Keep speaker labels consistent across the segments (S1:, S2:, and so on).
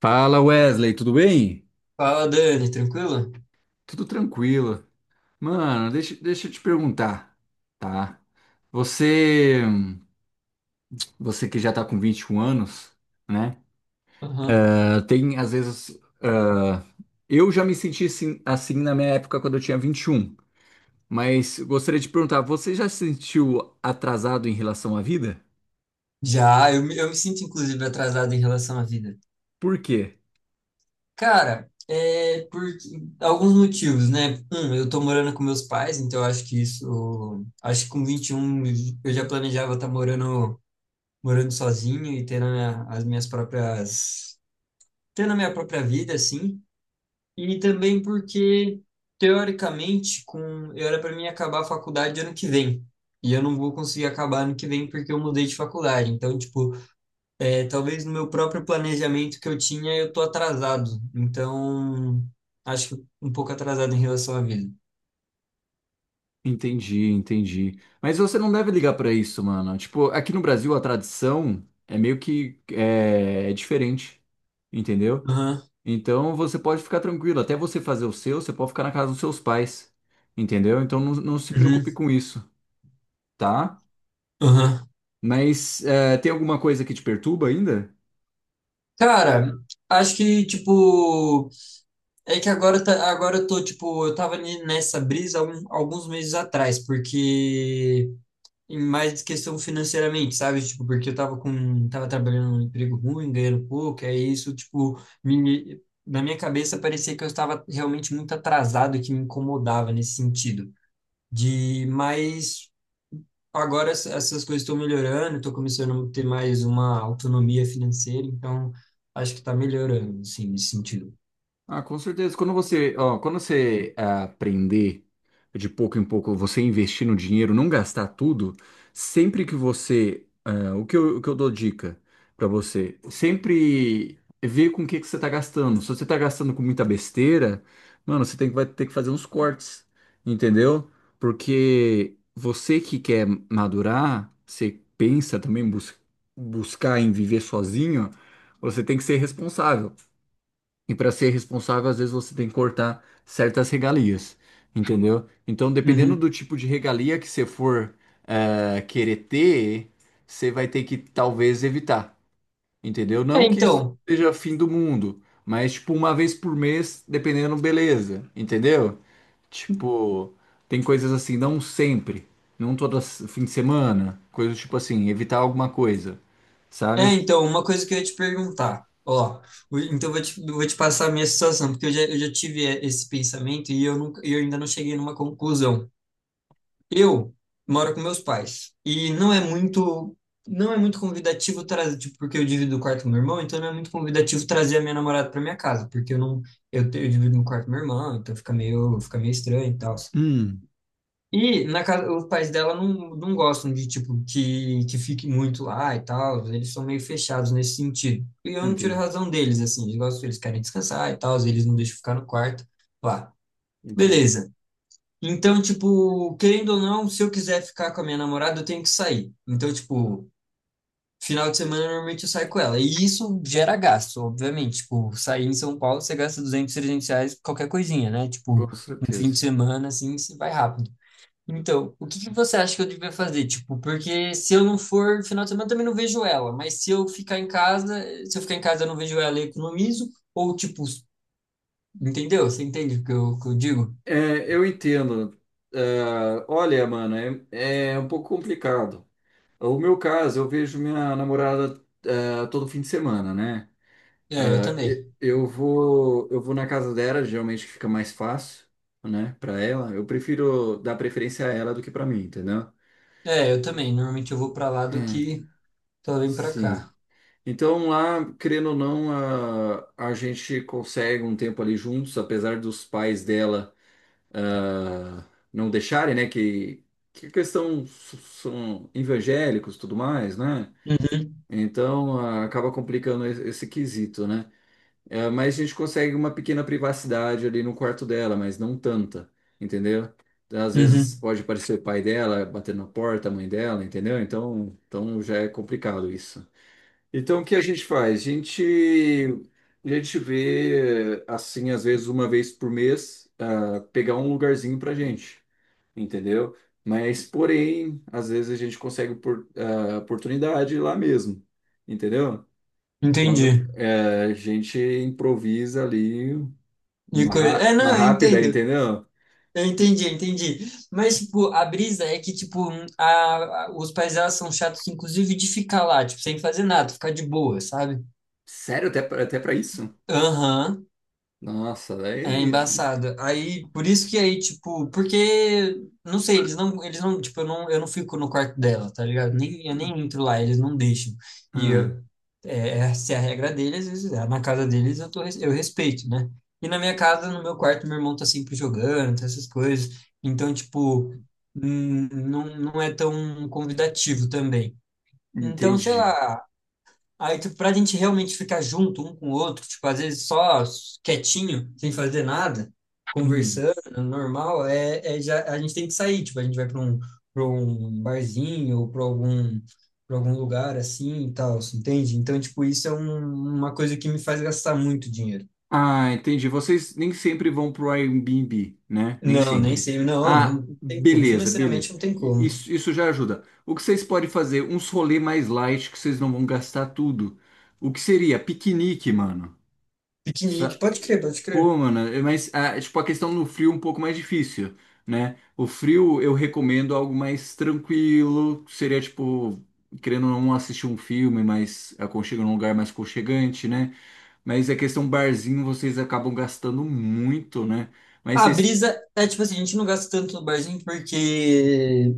S1: Fala, Wesley, tudo bem?
S2: Fala, Dani, tranquilo?
S1: Tudo tranquilo. Mano, deixa eu te perguntar, tá? Você, você que já tá com 21 anos, né?
S2: Aham.
S1: Ah, tem, às vezes, ah, eu já me senti assim, assim na minha época quando eu tinha 21. Mas gostaria de perguntar, você já se sentiu atrasado em relação à vida?
S2: Já, eu me sinto inclusive atrasado em relação à vida.
S1: Por quê?
S2: Cara, é por alguns motivos, né? Um, eu tô morando com meus pais, então eu acho que isso. Acho que com 21, eu já planejava estar morando sozinho e tendo as minhas próprias. Tendo a minha própria vida, assim. E também porque, teoricamente, eu era para mim acabar a faculdade ano que vem. E eu não vou conseguir acabar ano que vem porque eu mudei de faculdade. Então, tipo. É, talvez no meu próprio planejamento que eu tinha, eu tô atrasado. Então, acho que um pouco atrasado em relação à vida.
S1: Entendi, entendi. Mas você não deve ligar pra isso, mano. Tipo, aqui no Brasil a tradição é meio que é diferente, entendeu?
S2: Aham,
S1: Então você pode ficar tranquilo. Até você fazer o seu, você pode ficar na casa dos seus pais, entendeu? Então não se
S2: uhum,
S1: preocupe com isso, tá?
S2: aham.
S1: Mas é, tem alguma coisa que te perturba ainda?
S2: Cara, acho que, tipo, é que agora, tá, agora eu tô, tipo, eu tava nessa brisa alguns meses atrás, porque e mais questão financeiramente, sabe? Tipo, porque eu tava tava trabalhando num emprego ruim, ganhando pouco, é isso, tipo, na minha cabeça parecia que eu estava realmente muito atrasado, e que me incomodava nesse sentido. Mas agora essas coisas estão melhorando, estou começando a ter mais uma autonomia financeira, então acho que está melhorando, assim, nesse sentido.
S1: Ah, com certeza. Quando você, ó, quando você ah, aprender de pouco em pouco, você investir no dinheiro, não gastar tudo, sempre que você, ah, o que eu dou dica pra você, sempre ver com o que que você tá gastando. Se você tá gastando com muita besteira, mano, você tem que, vai ter que fazer uns cortes, entendeu? Porque você que quer madurar, você pensa também em buscar em viver sozinho, você tem que ser responsável. E para ser responsável, às vezes você tem que cortar certas regalias, entendeu? Então, dependendo
S2: Uhum.
S1: do tipo de regalia que você for querer ter, você vai ter que talvez evitar, entendeu?
S2: É,
S1: Não que isso
S2: então.
S1: seja fim do mundo, mas tipo uma vez por mês, dependendo, beleza, entendeu? Tipo, tem coisas assim, não sempre, não todo fim de semana, coisas tipo assim, evitar alguma coisa,
S2: É,
S1: sabe?
S2: então, uma coisa que eu ia te perguntar, ó, então eu vou te passar a minha situação, porque eu já tive esse pensamento e eu, nunca, eu ainda não cheguei numa conclusão. Eu moro com meus pais e não é muito convidativo trazer, tipo, porque eu divido o quarto com meu irmão, então não é muito convidativo trazer a minha namorada para minha casa, porque eu não, eu divido no quarto com meu irmão, então fica meio estranho e tal.
S1: Hum.
S2: E na casa, os pais dela não gostam de, tipo, que fique muito lá e tal. Eles são meio fechados nesse sentido. E eu não tiro a
S1: Entendi,
S2: razão deles, assim. Eles gostam, eles querem descansar e tal. Eles não deixam ficar no quarto lá.
S1: entendi.
S2: Beleza. Então, tipo, querendo ou não, se eu quiser ficar com a minha namorada, eu tenho que sair. Então, tipo, final de semana, normalmente eu saio com ela. E isso gera gasto, obviamente. Tipo, sair em São Paulo, você gasta 200, R$ 300, qualquer coisinha, né? Tipo,
S1: Com
S2: um fim de
S1: certeza.
S2: semana, assim, você vai rápido. Então, o que que você acha que eu devia fazer? Tipo, porque se eu não for no final de semana, eu também não vejo ela. Mas se eu ficar em casa, se eu ficar em casa, eu não vejo ela e economizo. Ou, tipo, entendeu? Você entende o que eu digo?
S1: É, eu entendo. Ah, olha, mano, é um pouco complicado. O meu caso, eu vejo minha namorada, ah, todo fim de semana, né?
S2: É, eu
S1: Ah,
S2: também.
S1: eu vou na casa dela, geralmente fica mais fácil, né, para ela. Eu prefiro dar preferência a ela do que para mim, entendeu?
S2: É, eu também. Normalmente eu vou pra lá
S1: É,
S2: do que eu venho pra
S1: sim.
S2: cá.
S1: Então lá, querendo ou não, a gente consegue um tempo ali juntos, apesar dos pais dela ah, não deixarem, né, que são evangélicos, e tudo mais, né?
S2: Uhum,
S1: Então ah, acaba complicando esse quesito, né? Mas a gente consegue uma pequena privacidade ali no quarto dela, mas não tanta, entendeu? Às vezes
S2: uhum.
S1: pode aparecer o pai dela batendo na porta, a mãe dela, entendeu? Então, então já é complicado isso. Então o que a gente faz? A gente vê, assim, às vezes uma vez por mês, ah, pegar um lugarzinho pra gente, entendeu? Mas, porém, às vezes a gente consegue por, a oportunidade lá mesmo, entendeu? Quando
S2: Entendi.
S1: a gente improvisa ali
S2: É,
S1: uma
S2: não, eu
S1: rápida,
S2: entendo.
S1: entendeu?
S2: Eu
S1: E-
S2: entendi, eu entendi. Mas, tipo, a brisa é que, tipo, os pais delas são chatos, inclusive, de ficar lá, tipo, sem fazer nada, ficar de boa, sabe?
S1: Sério, até, até para isso?
S2: Aham.
S1: Nossa,
S2: É
S1: daí.
S2: embaçado. Aí, por isso que aí, tipo, porque, não sei, eles não, tipo, eu não fico no quarto dela, tá ligado? Nem, eu nem entro lá, eles não deixam. E
S1: Ah,
S2: eu- é, essa é a regra deles, às vezes na casa deles eu respeito, né? E na minha casa, no meu quarto, meu irmão tá sempre jogando, tá essas coisas. Então, tipo, não, não é tão convidativo também. Então, sei
S1: entendi.
S2: lá, aí, tipo, pra gente realmente ficar junto um com o outro, tipo, às vezes só quietinho, sem fazer nada,
S1: Hum.
S2: conversando, normal, já, a gente tem que sair, tipo, a gente vai pra um barzinho ou pra algum lugar assim e tal, você entende? Então, tipo, isso é uma coisa que me faz gastar muito dinheiro.
S1: Ah, entendi. Vocês nem sempre vão pro Airbnb, né? Nem
S2: Não, nem
S1: sempre.
S2: sei, não,
S1: Ah,
S2: não tem como,
S1: beleza,
S2: financeiramente
S1: beleza.
S2: não tem
S1: I-
S2: como.
S1: Isso, isso já ajuda. O que vocês podem fazer? Uns rolê mais light que vocês não vão gastar tudo. O que seria? Piquenique, mano.
S2: Piquenique, pode crer, pode crer.
S1: Pô, mano, é, mas ah, tipo, a questão no frio é um pouco mais difícil, né? O frio eu recomendo algo mais tranquilo, seria tipo, querendo ou não assistir um filme, mas aconchega num lugar mais aconchegante, né? Mas a questão barzinho, vocês acabam gastando muito, né? Mas
S2: A
S1: vocês,
S2: brisa é tipo assim, a gente não gasta tanto no barzinho porque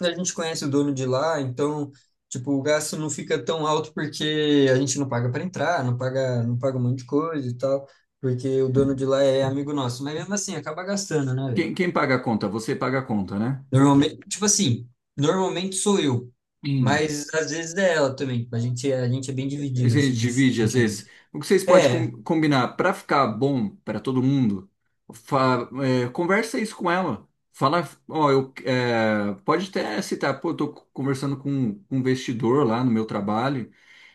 S2: a gente conhece o dono de lá, então, tipo, o gasto não fica tão alto porque a gente não paga para entrar, não paga um monte de coisa e tal, porque o dono de lá é amigo nosso. Mas mesmo assim, acaba gastando, né, velho?
S1: quem paga a conta? Você paga a conta, né?
S2: Normalmente, tipo assim, normalmente sou eu,
S1: Hum.
S2: mas às vezes é ela também. Tipo, a gente é bem
S1: A
S2: dividido,
S1: gente
S2: assim, nesse
S1: divide às
S2: sentido.
S1: vezes. O que vocês podem
S2: É, é.
S1: combinar para ficar bom para todo mundo? É, conversa isso com ela. Fala, ó, eu, é, pode até citar, pô, eu tô conversando com um investidor lá no meu trabalho.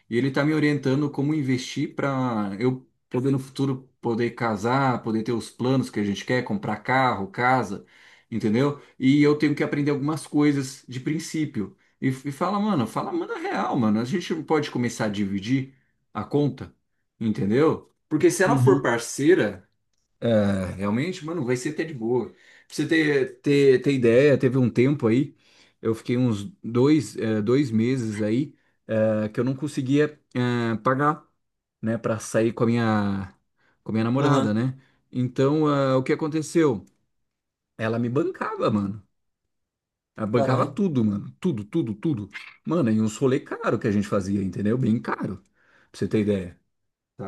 S1: E ele tá me orientando como investir para eu poder no futuro poder casar, poder ter os planos que a gente quer, comprar carro, casa, entendeu? E eu tenho que aprender algumas coisas de princípio. E fala, mano, fala, manda real, mano. A gente não pode começar a dividir a conta, entendeu? Porque se ela for
S2: Uhum,
S1: parceira é, realmente, mano, vai ser até de boa. Pra você ter ideia, teve um tempo aí, eu fiquei uns 2 meses aí, que eu não conseguia, pagar, né, pra sair com a minha namorada,
S2: aham,
S1: né? Então, o que aconteceu? Ela me bancava, mano. Ela bancava
S2: caralho.
S1: tudo, mano. Tudo, tudo, tudo. Mano, e uns rolê caro que a gente fazia, entendeu? Bem caro, pra você ter ideia, tá?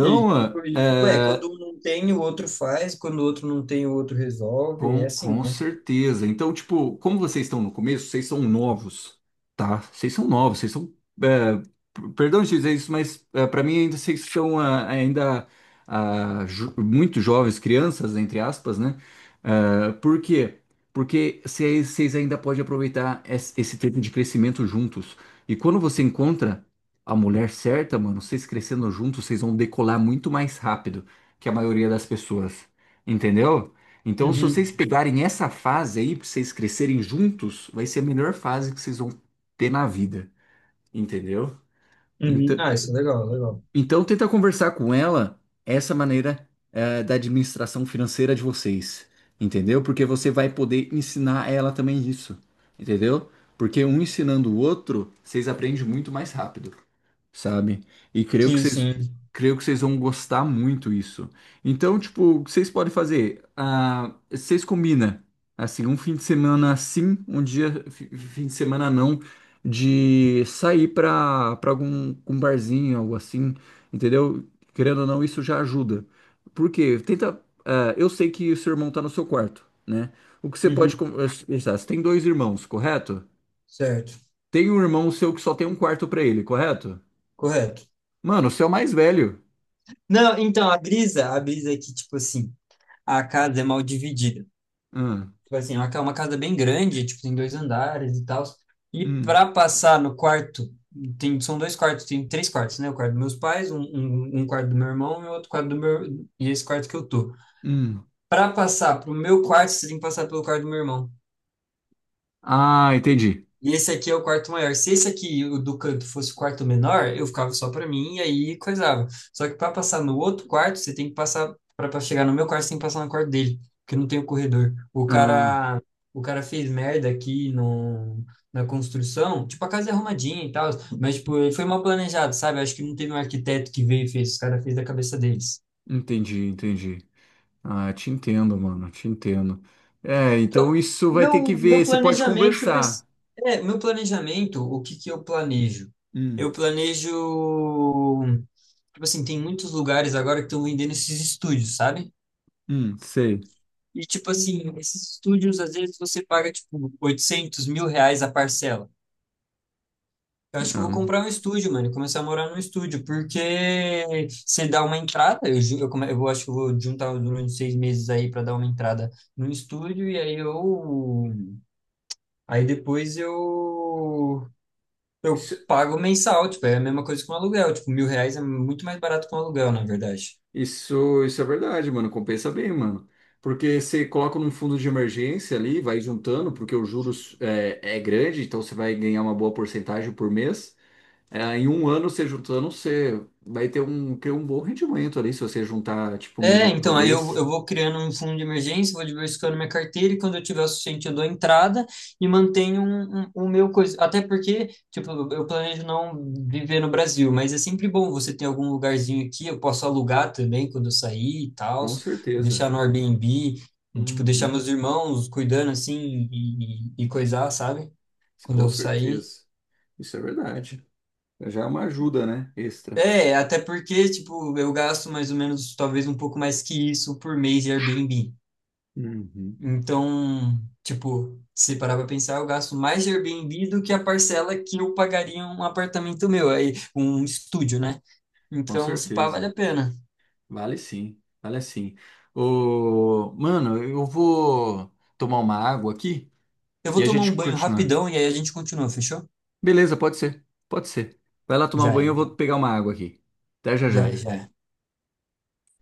S2: E, ué, quando
S1: é.
S2: um não tem, o outro faz, quando o outro não tem, o outro resolve, é
S1: Com,
S2: assim,
S1: com
S2: né?
S1: certeza. Então, tipo, como vocês estão no começo, vocês são novos, tá? Vocês são novos, vocês são. É, perdão de dizer isso, mas é, para mim ainda vocês são ah, ainda ah, muito jovens, crianças, entre aspas, né? Ah, por quê? Porque vocês ainda podem aproveitar esse tempo de crescimento juntos. E quando você encontra a mulher certa, mano, vocês crescendo juntos, vocês vão decolar muito mais rápido que a maioria das pessoas. Entendeu? Então, se
S2: Uhum.
S1: vocês pegarem essa fase aí, pra vocês crescerem juntos, vai ser a melhor fase que vocês vão ter na vida, entendeu?
S2: Uhum.
S1: Então,
S2: Ah, isso é legal, legal.
S1: então, tenta conversar com ela essa maneira da administração financeira de vocês, entendeu? Porque você vai poder ensinar ela também isso, entendeu? Porque um ensinando o outro, vocês aprendem muito mais rápido, sabe? E
S2: Sim, sim.
S1: creio que vocês vão gostar muito isso. Então, tipo, o que vocês podem fazer? Ah, vocês combinam, assim, um fim de semana sim, fim de semana não, de sair pra para algum um barzinho, algo assim. Entendeu? Querendo ou não, isso já ajuda. Porque tenta. Ah, eu sei que o seu irmão está no seu quarto, né? O que você pode
S2: Uhum.
S1: conversar? Você tem dois irmãos, correto?
S2: Certo,
S1: Tem um irmão seu que só tem um quarto para ele, correto?
S2: correto.
S1: Mano, você é o mais velho.
S2: Não, então, a brisa é que, tipo assim, a casa é mal dividida.
S1: Ah,
S2: Tipo assim, é uma casa bem grande, tipo, tem dois andares e tal. E
S1: hum,
S2: para passar no quarto, tem, são dois quartos, tem três quartos, né? O quarto dos meus pais, um quarto do meu irmão e outro quarto do meu. E esse quarto que eu tô.
S1: hum.
S2: Para passar pro meu quarto, você tem que passar pelo quarto do meu irmão.
S1: Ah, entendi.
S2: E esse aqui é o quarto maior. Se esse aqui, o do canto, fosse o quarto menor, eu ficava só para mim e aí coisava. Só que para passar no outro quarto, você tem que passar para chegar no meu quarto, você tem que passar no quarto dele, porque não tem o corredor. O
S1: Ah,
S2: cara, o cara fez merda aqui no, na construção, tipo a casa é arrumadinha e tal, mas tipo, ele foi mal planejado, sabe? Acho que não teve um arquiteto que veio e fez, os caras fez da cabeça deles.
S1: entendi, entendi. Ah, te entendo, mano, te entendo. É, então
S2: Então,
S1: isso vai ter
S2: meu,
S1: que
S2: meu
S1: ver. Você pode
S2: planejamento vai
S1: conversar.
S2: ser. É, meu planejamento, o que que eu planejo? Eu
S1: Hum,
S2: planejo. Tipo assim, tem muitos lugares agora que estão vendendo esses estúdios, sabe?
S1: sei.
S2: E, tipo assim, esses estúdios, às vezes você paga, tipo, R$ 800.000 a parcela. Eu acho que eu vou
S1: Ah.
S2: comprar um estúdio, mano, e começar a morar num estúdio, porque você dá uma entrada, eu, ju- eu, come- eu vou- acho que eu vou juntar durante 6 meses aí para dar uma entrada num estúdio, e aí eu. Aí depois eu pago mensal, tipo, é a mesma coisa que um aluguel. Tipo, R$ 1.000 é muito mais barato que um aluguel, na verdade.
S1: Isso é verdade, mano. Compensa bem, mano. Porque você coloca num fundo de emergência ali, vai juntando, porque o juros é grande, então você vai ganhar uma boa porcentagem por mês. É, em um ano, você juntando, você vai ter um bom rendimento ali, se você juntar, tipo, um
S2: É,
S1: milão por
S2: então, aí eu
S1: mês.
S2: vou criando um fundo de emergência, vou diversificando minha carteira e quando eu tiver o suficiente eu dou entrada e mantenho o meu coisa. Até porque, tipo, eu planejo não viver no Brasil, mas é sempre bom você ter algum lugarzinho aqui, eu posso alugar também quando eu sair e tal,
S1: Com certeza.
S2: deixar no Airbnb, tipo, deixar
S1: Uhum.
S2: meus irmãos cuidando assim e coisar, sabe? Quando
S1: Com
S2: eu sair.
S1: certeza. Isso é verdade. Já é uma ajuda, né? Extra.
S2: É, até porque, tipo, eu gasto mais ou menos, talvez um pouco mais que isso por mês de Airbnb.
S1: Uhum.
S2: Então, tipo, se parar pra pensar, eu gasto mais de Airbnb do que a parcela que eu pagaria um apartamento meu, aí, um estúdio, né?
S1: Com
S2: Então, se pá, vale
S1: certeza.
S2: a pena.
S1: Vale sim, vale sim. Ô, mano, eu vou tomar uma água aqui
S2: Eu
S1: e
S2: vou
S1: a
S2: tomar um
S1: gente
S2: banho
S1: continua.
S2: rapidão e aí a gente continua, fechou?
S1: Beleza, pode ser, pode ser. Vai lá tomar um
S2: Já é,
S1: banho, eu vou
S2: então.
S1: pegar uma água aqui. Até já
S2: Já é,
S1: já.
S2: já é.